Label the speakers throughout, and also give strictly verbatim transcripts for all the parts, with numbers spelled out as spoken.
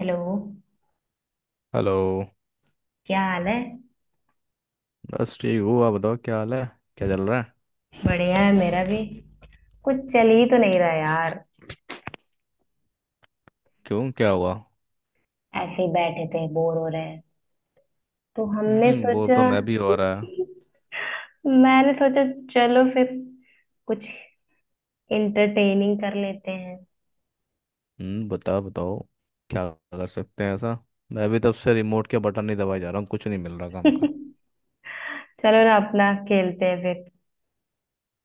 Speaker 1: Hello.
Speaker 2: Hello.
Speaker 1: क्या हाल है?
Speaker 2: बस ठीक हूँ, आप बताओ क्या हाल है? क्या चल रहा है?
Speaker 1: बढ़िया है, मेरा भी। कुछ चल ही तो नहीं रहा यार।
Speaker 2: क्यों, क्या हुआ?
Speaker 1: ऐसे ही बैठे थे, बोर हो रहे हैं तो हमने
Speaker 2: हम्म, बोर
Speaker 1: सोचा।
Speaker 2: तो मैं भी हो रहा है।
Speaker 1: मैंने सोचा चलो फिर कुछ इंटरटेनिंग कर लेते हैं।
Speaker 2: हम्म, बताओ बताओ, क्या कर सकते हैं ऐसा। मैं भी तब से रिमोट के बटन नहीं दबाए जा रहा हूँ, कुछ नहीं मिल रहा काम का।
Speaker 1: चलो ना, अपना खेलते हैं फिर,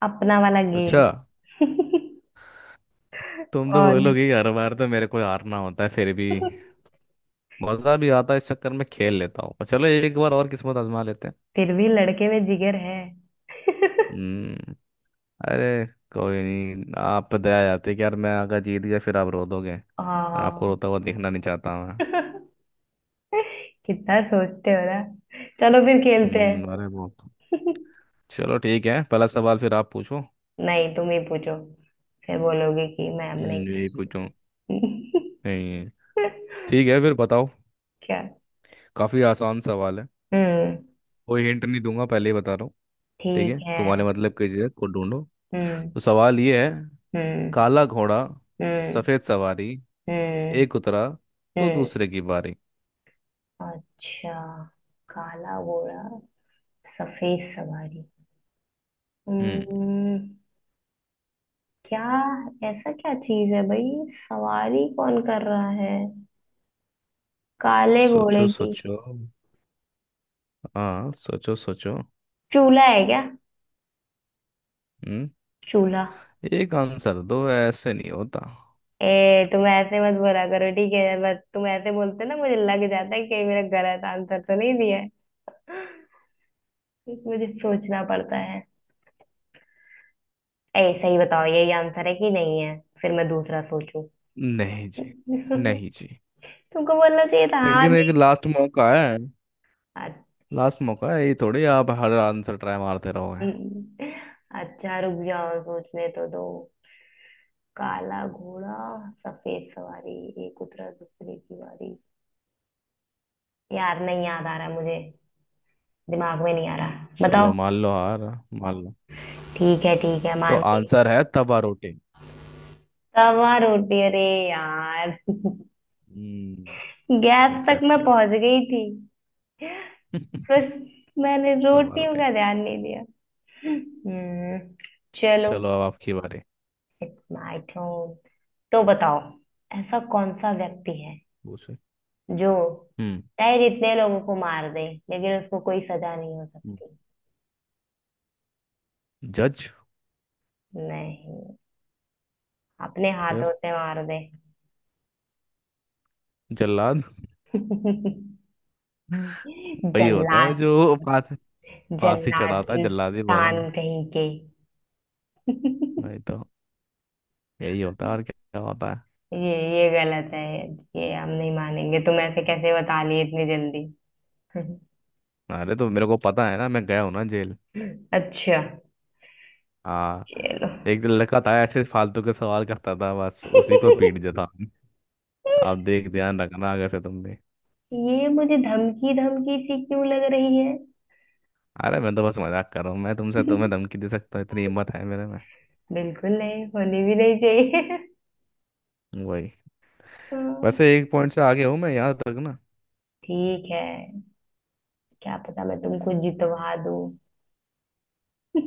Speaker 1: अपना वाला गेम।
Speaker 2: अच्छा। तुम तो
Speaker 1: और।
Speaker 2: बोलोगे कि हर बार तो मेरे को हारना होता है, फिर भी मज़ा भी आता है इस चक्कर में, खेल लेता हूँ। चलो, एक बार और किस्मत आजमा लेते हैं।
Speaker 1: फिर भी लड़के में जिगर है।
Speaker 2: हम्म। अरे, कोई नहीं, आप पे दया जाती है कि यार मैं अगर जीत गया फिर आप रो दोगे, और आपको
Speaker 1: हाँ।
Speaker 2: रोता हुआ देखना नहीं चाहता मैं।
Speaker 1: कितना सोचते हो ना। चलो फिर खेलते
Speaker 2: हम्म, अरे
Speaker 1: हैं।
Speaker 2: बहुत। चलो ठीक है, पहला सवाल फिर आप पूछो।
Speaker 1: नहीं, तुम ही पूछो। फिर बोलोगे कि मैम नहीं
Speaker 2: हम्म, यही पूछो।
Speaker 1: पूछती।
Speaker 2: नहीं। ठीक है फिर, बताओ।
Speaker 1: क्या?
Speaker 2: काफी आसान सवाल है।
Speaker 1: हम्म।
Speaker 2: कोई हिंट नहीं दूंगा, पहले ही बता रहा हूँ। ठीक
Speaker 1: ठीक
Speaker 2: है,
Speaker 1: है।
Speaker 2: तुम्हारे मतलब की चीज़ है, खुद ढूंढो।
Speaker 1: हम्म।
Speaker 2: तो सवाल ये है।
Speaker 1: हम्म।
Speaker 2: काला घोड़ा,
Speaker 1: हम्म।
Speaker 2: सफेद सवारी,
Speaker 1: हम्म।
Speaker 2: एक उतरा तो
Speaker 1: हम्म।
Speaker 2: दूसरे की बारी।
Speaker 1: अच्छा। काला घोड़ा, सफेद सवारी।
Speaker 2: हम्म।
Speaker 1: हम्म। क्या? ऐसा क्या चीज है भाई? सवारी कौन कर रहा है काले
Speaker 2: सोचो
Speaker 1: घोड़े की?
Speaker 2: सोचो। हाँ, सोचो सोचो।
Speaker 1: चूल्हा है क्या?
Speaker 2: हम्म।
Speaker 1: चूल्हा।
Speaker 2: एक आंसर दो, ऐसे नहीं होता।
Speaker 1: ए तुम ऐसे मत बोला करो, ठीक है? बस तुम ऐसे बोलते ना, मुझे लग जाता है कि कहीं मेरा गलत आंसर तो नहीं दिया है। मुझे सोचना पड़ता है। ए सही बताओ यही आंसर है कि नहीं है, फिर मैं दूसरा सोचूं।
Speaker 2: नहीं जी। नहीं जी।
Speaker 1: तुमको बोलना चाहिए था हाँ
Speaker 2: लेकिन
Speaker 1: जी।
Speaker 2: एक लास्ट मौका है।
Speaker 1: अच्छा,
Speaker 2: लास्ट मौका है, ये थोड़ी आप हर आंसर ट्राई मारते रहोगे।
Speaker 1: अच्छा, रुक जाओ सोचने तो दो। काला घोड़ा, सफेद सवारी, एक उतरा दूसरे की बारी। यार नहीं याद आ रहा मुझे, दिमाग में नहीं आ रहा,
Speaker 2: चलो
Speaker 1: बताओ।
Speaker 2: मान लो हार। मान लो।
Speaker 1: ठीक है, ठीक है,
Speaker 2: तो
Speaker 1: मान गई।
Speaker 2: आंसर है तवा रोटी।
Speaker 1: तवा रोटी? अरे यार।
Speaker 2: हम्म।
Speaker 1: गैस तक मैं
Speaker 2: एग्जैक्टली।
Speaker 1: पहुंच गई थी। बस, मैंने
Speaker 2: तवा
Speaker 1: रोटियों
Speaker 2: रोटी।
Speaker 1: का ध्यान नहीं दिया। हम्म। चलो।
Speaker 2: चलो, अब आपकी बारी।
Speaker 1: It's my turn. तो बताओ, ऐसा कौन सा व्यक्ति है
Speaker 2: पूछो।
Speaker 1: जो
Speaker 2: हम्म।
Speaker 1: चाहे जितने लोगों को मार दे लेकिन उसको कोई सजा नहीं हो
Speaker 2: हम्म।
Speaker 1: सकती।
Speaker 2: जज।
Speaker 1: नहीं। अपने
Speaker 2: फिर
Speaker 1: हाथों से मार दे।
Speaker 2: जल्लाद। वही होता है
Speaker 1: जल्लाद।
Speaker 2: जो फांसी। फांसी
Speaker 1: जल्लाद
Speaker 2: चढ़ाता है जल्लाद ही बोला।
Speaker 1: इंसान कहीं के। ये
Speaker 2: वही तो। यही होता है, और क्या होता है।
Speaker 1: ये गलत है। ये हम नहीं मानेंगे। तुम ऐसे कैसे बता लिए इतनी जल्दी?
Speaker 2: अरे तो मेरे को पता है ना, मैं गया हूँ ना जेल।
Speaker 1: अच्छा।
Speaker 2: हाँ।
Speaker 1: चलो।
Speaker 2: एक लड़का था ऐसे, फालतू के सवाल करता था, बस उसी को पीट देता।
Speaker 1: देखो,
Speaker 2: आप देख, ध्यान रखना, अगर से तुम भी।
Speaker 1: ये मुझे धमकी धमकी सी क्यों लग रही है।
Speaker 2: अरे मैं तो बस मजाक कर रहा हूँ, मैं तुमसे तुम्हें धमकी दे सकता हूँ, इतनी हिम्मत है मेरे में।
Speaker 1: बिल्कुल नहीं, होनी भी नहीं चाहिए।
Speaker 2: वही।
Speaker 1: हाँ।
Speaker 2: वैसे एक पॉइंट से आगे हूँ मैं, याद रखना।
Speaker 1: ठीक है, क्या पता मैं तुमको जितवा दूं।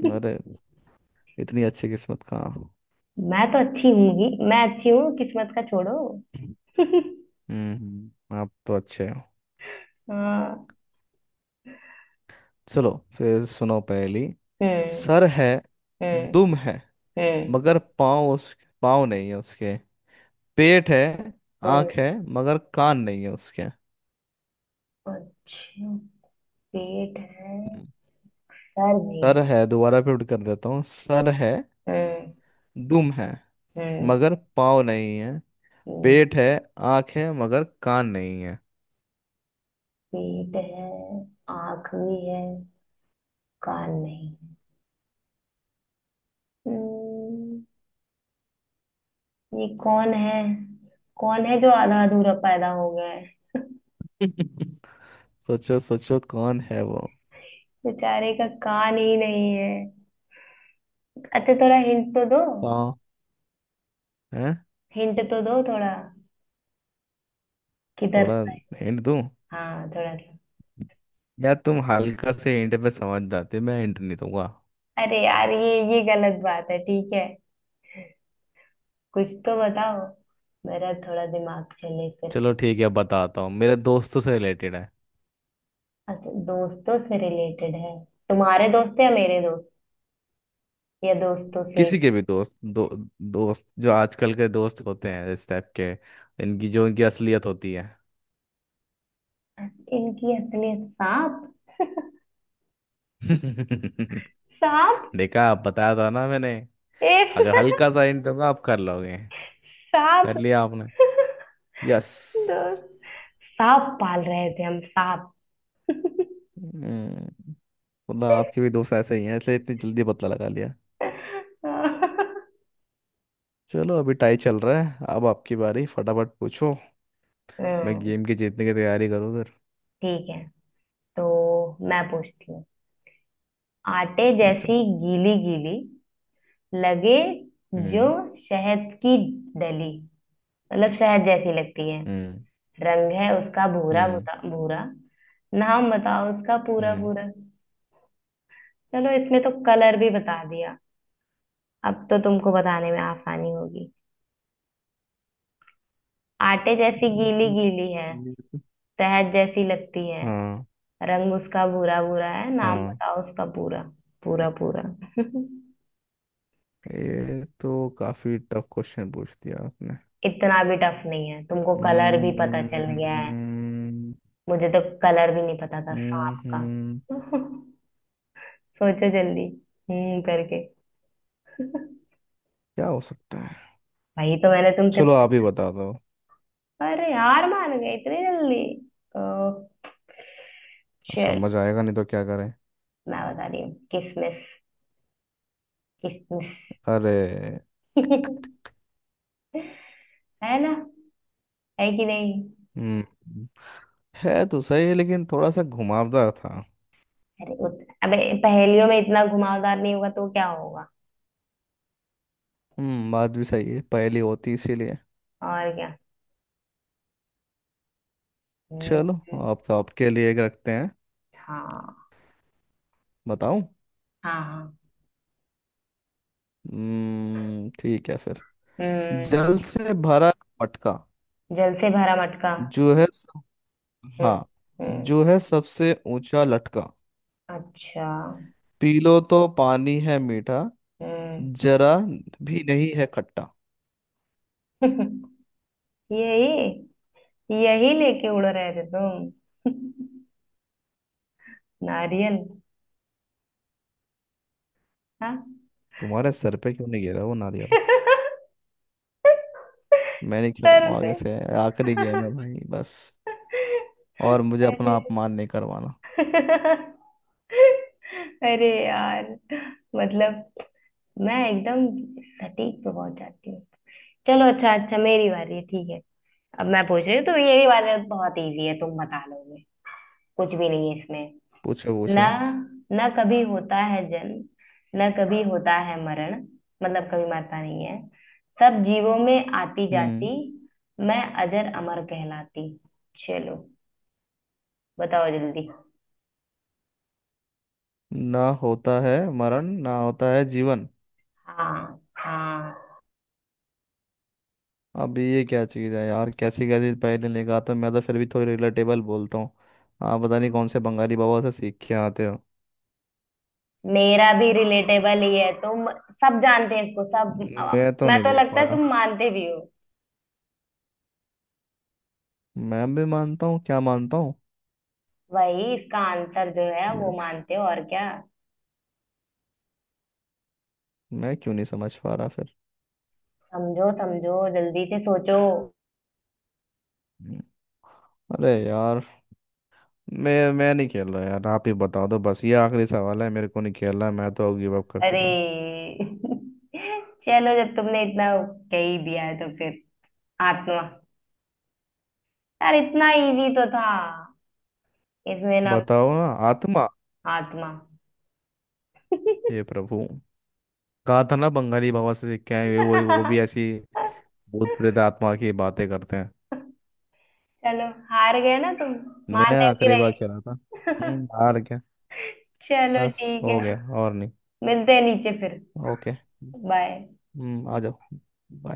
Speaker 2: अरे, इतनी अच्छी किस्मत कहाँ हो।
Speaker 1: मैं तो अच्छी हूं ही, मैं अच्छी हूँ, किस्मत का छोड़ो।
Speaker 2: हम्म। हम्म, आप तो अच्छे हो।
Speaker 1: हाँ।
Speaker 2: चलो, फिर सुनो पहली।
Speaker 1: हम्म।
Speaker 2: सर है,
Speaker 1: हम्म।
Speaker 2: दुम है,
Speaker 1: हम्म।
Speaker 2: मगर पाँव उस, पाँव नहीं है उसके, पेट है,
Speaker 1: हम्म।
Speaker 2: आँख है मगर कान नहीं है उसके।
Speaker 1: अच्छा, पेट है,
Speaker 2: हम्म।
Speaker 1: सर भी है।
Speaker 2: सर है, दोबारा रिपीट कर देता हूँ। सर है,
Speaker 1: हम्म।
Speaker 2: दुम है,
Speaker 1: हम्म।
Speaker 2: मगर पाँव नहीं है,
Speaker 1: हम्म।
Speaker 2: पेट है, आंख है मगर कान नहीं है।
Speaker 1: पीठ है, आंख भी है, कान नहीं है। हम्म, ये कौन है? कौन है जो आधा अधूरा पैदा हो गया है?
Speaker 2: सोचो सोचो, कौन है वो।
Speaker 1: बेचारे का कान ही नहीं है। अच्छा, थोड़ा हिंट तो दो।
Speaker 2: हाँ, है।
Speaker 1: हिंट तो दो थोड़ा। किधर?
Speaker 2: थोड़ा हिंट दूं
Speaker 1: हाँ, थोड़ा थोड़ा।
Speaker 2: या तुम हल्का से हिंट पे समझ जाते? मैं हिंट नहीं दूंगा।
Speaker 1: अरे यार, ये ये गलत बात है। ठीक है, कुछ तो बताओ, मेरा थोड़ा दिमाग चले फिर।
Speaker 2: चलो ठीक है, बताता हूँ, मेरे दोस्तों से रिलेटेड है।
Speaker 1: अच्छा, दोस्तों से रिलेटेड है? तुम्हारे दोस्त है या मेरे दोस्त? या दोस्तों से?
Speaker 2: किसी के भी दोस्त दो। दोस्त जो आजकल के दोस्त होते हैं इस टाइप के, इनकी जो इनकी असलियत होती है।
Speaker 1: इनकी असलियत सांप? सांप।
Speaker 2: देखा, आप बताया था ना मैंने।
Speaker 1: एक।
Speaker 2: अगर हल्का सा हिंट दूंगा आप कर लोगे।
Speaker 1: सांप।
Speaker 2: कर लिया आपने। यस।
Speaker 1: दोस्त। सांप पाल रहे थे हम? सांप।
Speaker 2: मतलब आपके भी दोस्त ऐसे ही हैं, इसलिए इतनी जल्दी बदला लगा लिया। चलो, अभी टाई चल रहा है, अब आपकी बारी, फटाफट पूछो। मैं
Speaker 1: हम्म,
Speaker 2: गेम की जीतने की तैयारी करूँ उधर।
Speaker 1: ठीक है। तो मैं पूछती हूँ, आटे
Speaker 2: पूछो।
Speaker 1: जैसी गीली गीली लगे जो,
Speaker 2: हम्म।
Speaker 1: शहद की डली, मतलब शहद जैसी लगती है।
Speaker 2: हम्म।
Speaker 1: रंग है उसका भूरा
Speaker 2: हम्म।
Speaker 1: भूरा भूरा, नाम बताओ उसका पूरा
Speaker 2: हम्म।
Speaker 1: पूरा। चलो, इसमें तो कलर भी बता दिया, अब तो तुमको बताने में आसानी होगी। आटे जैसी गीली
Speaker 2: हम्म,
Speaker 1: गीली है,
Speaker 2: ये तो-।
Speaker 1: शहद जैसी लगती है।
Speaker 2: हाँ।
Speaker 1: रंग उसका भूरा भूरा है, नाम
Speaker 2: हाँ।
Speaker 1: बताओ उसका पूरा, पूरा पूरा।
Speaker 2: ये तो काफी टफ क्वेश्चन पूछ दिया आपने।
Speaker 1: इतना भी टफ नहीं है, तुमको कलर भी पता चल
Speaker 2: हम्म।
Speaker 1: गया है। मुझे तो कलर भी नहीं पता था
Speaker 2: हम्म।
Speaker 1: सांप का।
Speaker 2: हम्म,
Speaker 1: सोचो जल्दी, हम्म करके।
Speaker 2: क्या हो सकता है।
Speaker 1: वही तो मैंने तुमसे
Speaker 2: चलो आप ही
Speaker 1: पूछा।
Speaker 2: बता दो।
Speaker 1: अरे हार मान गए इतनी जल्दी? ओ, चल।
Speaker 2: समझ आएगा नहीं तो क्या करें।
Speaker 1: मैं बता रही हूँ, किसमिस। किसमिस।
Speaker 2: अरे।
Speaker 1: है ना? है कि नहीं?
Speaker 2: हम्म, है तो सही है लेकिन थोड़ा सा घुमावदार था।
Speaker 1: अरे उत, अबे, पहेलियों में इतना घुमावदार नहीं होगा तो क्या होगा?
Speaker 2: हम्म, बात भी सही है, पहेली होती इसीलिए।
Speaker 1: और क्या। हम्म।
Speaker 2: चलो,
Speaker 1: हम्म,
Speaker 2: आपका आपके लिए एक रखते हैं।
Speaker 1: हाँ,
Speaker 2: बताऊं।
Speaker 1: हाँ, हाँ।
Speaker 2: हम्म ठीक है फिर।
Speaker 1: हम्म।
Speaker 2: जल से भरा मटका,
Speaker 1: जल से भरा मटका।
Speaker 2: जो है सब,
Speaker 1: हम्म।
Speaker 2: हाँ,
Speaker 1: हम्म।
Speaker 2: जो है सबसे ऊंचा लटका,
Speaker 1: अच्छा।
Speaker 2: पी लो तो पानी है मीठा,
Speaker 1: हम्म।
Speaker 2: जरा भी नहीं है खट्टा।
Speaker 1: यही, यही लेके उड़ रहे थे तुम। नारियल। हाँ।
Speaker 2: तुम्हारे सर पे क्यों नहीं गिरा वो नारियल? मैं नहीं
Speaker 1: सर
Speaker 2: खेलूंगा
Speaker 1: पे।
Speaker 2: आगे से, आखिरी गेम है भाई बस। और मुझे अपना
Speaker 1: अरे।
Speaker 2: अपमान नहीं करवाना।
Speaker 1: अरे यार, मतलब मैं एकदम सटीक पे पहुंच जाती हूँ। चलो, अच्छा, अच्छा, मेरी बारी है, ठीक है। अब मैं पूछ रही हूँ, तो ये वाला बहुत इजी है, तुम बता लोगे, कुछ भी नहीं है इसमें।
Speaker 2: पूछो
Speaker 1: ना,
Speaker 2: पूछो।
Speaker 1: ना कभी होता है जन्म, ना कभी होता है मरण, मतलब कभी मरता नहीं है। सब जीवों में आती
Speaker 2: हम्म।
Speaker 1: जाती, मैं अजर अमर कहलाती। चलो, बताओ जल्दी।
Speaker 2: ना होता है मरण, ना होता है जीवन।
Speaker 1: हाँ, हाँ।
Speaker 2: अब ये क्या चीज़ है यार, कैसी कैसी पहले लेके आता हूँ मैं, तो फिर भी थोड़ी रिलेटेबल बोलता हूँ। आप पता नहीं कौन से बंगाली बाबा से सीख के आते हो।
Speaker 1: मेरा भी रिलेटेबल ही है, तुम सब जानते हैं इसको सब। आ,
Speaker 2: मैं तो
Speaker 1: मैं
Speaker 2: नहीं
Speaker 1: तो,
Speaker 2: देख
Speaker 1: लगता
Speaker 2: पा
Speaker 1: है
Speaker 2: रहा।
Speaker 1: तुम मानते भी हो।
Speaker 2: मैं भी मानता हूँ, क्या मानता हूँ?
Speaker 1: वही इसका आंसर जो है वो
Speaker 2: मैं
Speaker 1: मानते हो, और क्या।
Speaker 2: मैं क्यों नहीं समझ पा रहा फिर
Speaker 1: समझो समझो जल्दी से सोचो।
Speaker 2: हम्म, अरे यार मैं मैं नहीं खेल रहा यार, आप ही बता दो, बस ये आखिरी सवाल है, मेरे को नहीं खेल रहा, मैं तो गिव अप कर
Speaker 1: अरे।
Speaker 2: चुका हूँ।
Speaker 1: चलो, जब तुमने इतना कह ही दिया है तो फिर, आत्मा। यार इतना इजी तो था इसमें ना,
Speaker 2: बताओ ना। आत्मा।
Speaker 1: आत्मा।
Speaker 2: हे प्रभु, कहा था ना, बंगाली बाबा से सीख के आए हुए, वो वो भी ऐसी भूत प्रेत आत्मा की बातें करते हैं।
Speaker 1: चलो, हार गए ना तुम? मान रहे
Speaker 2: नया
Speaker 1: हो कि
Speaker 2: करीबा खेला था।
Speaker 1: नहीं?
Speaker 2: हम्म, हार गया।
Speaker 1: चलो
Speaker 2: बस,
Speaker 1: ठीक
Speaker 2: हो
Speaker 1: है,
Speaker 2: गया, और नहीं।
Speaker 1: मिलते हैं नीचे फिर।
Speaker 2: ओके।
Speaker 1: बाय।
Speaker 2: हम्म, आ जाओ।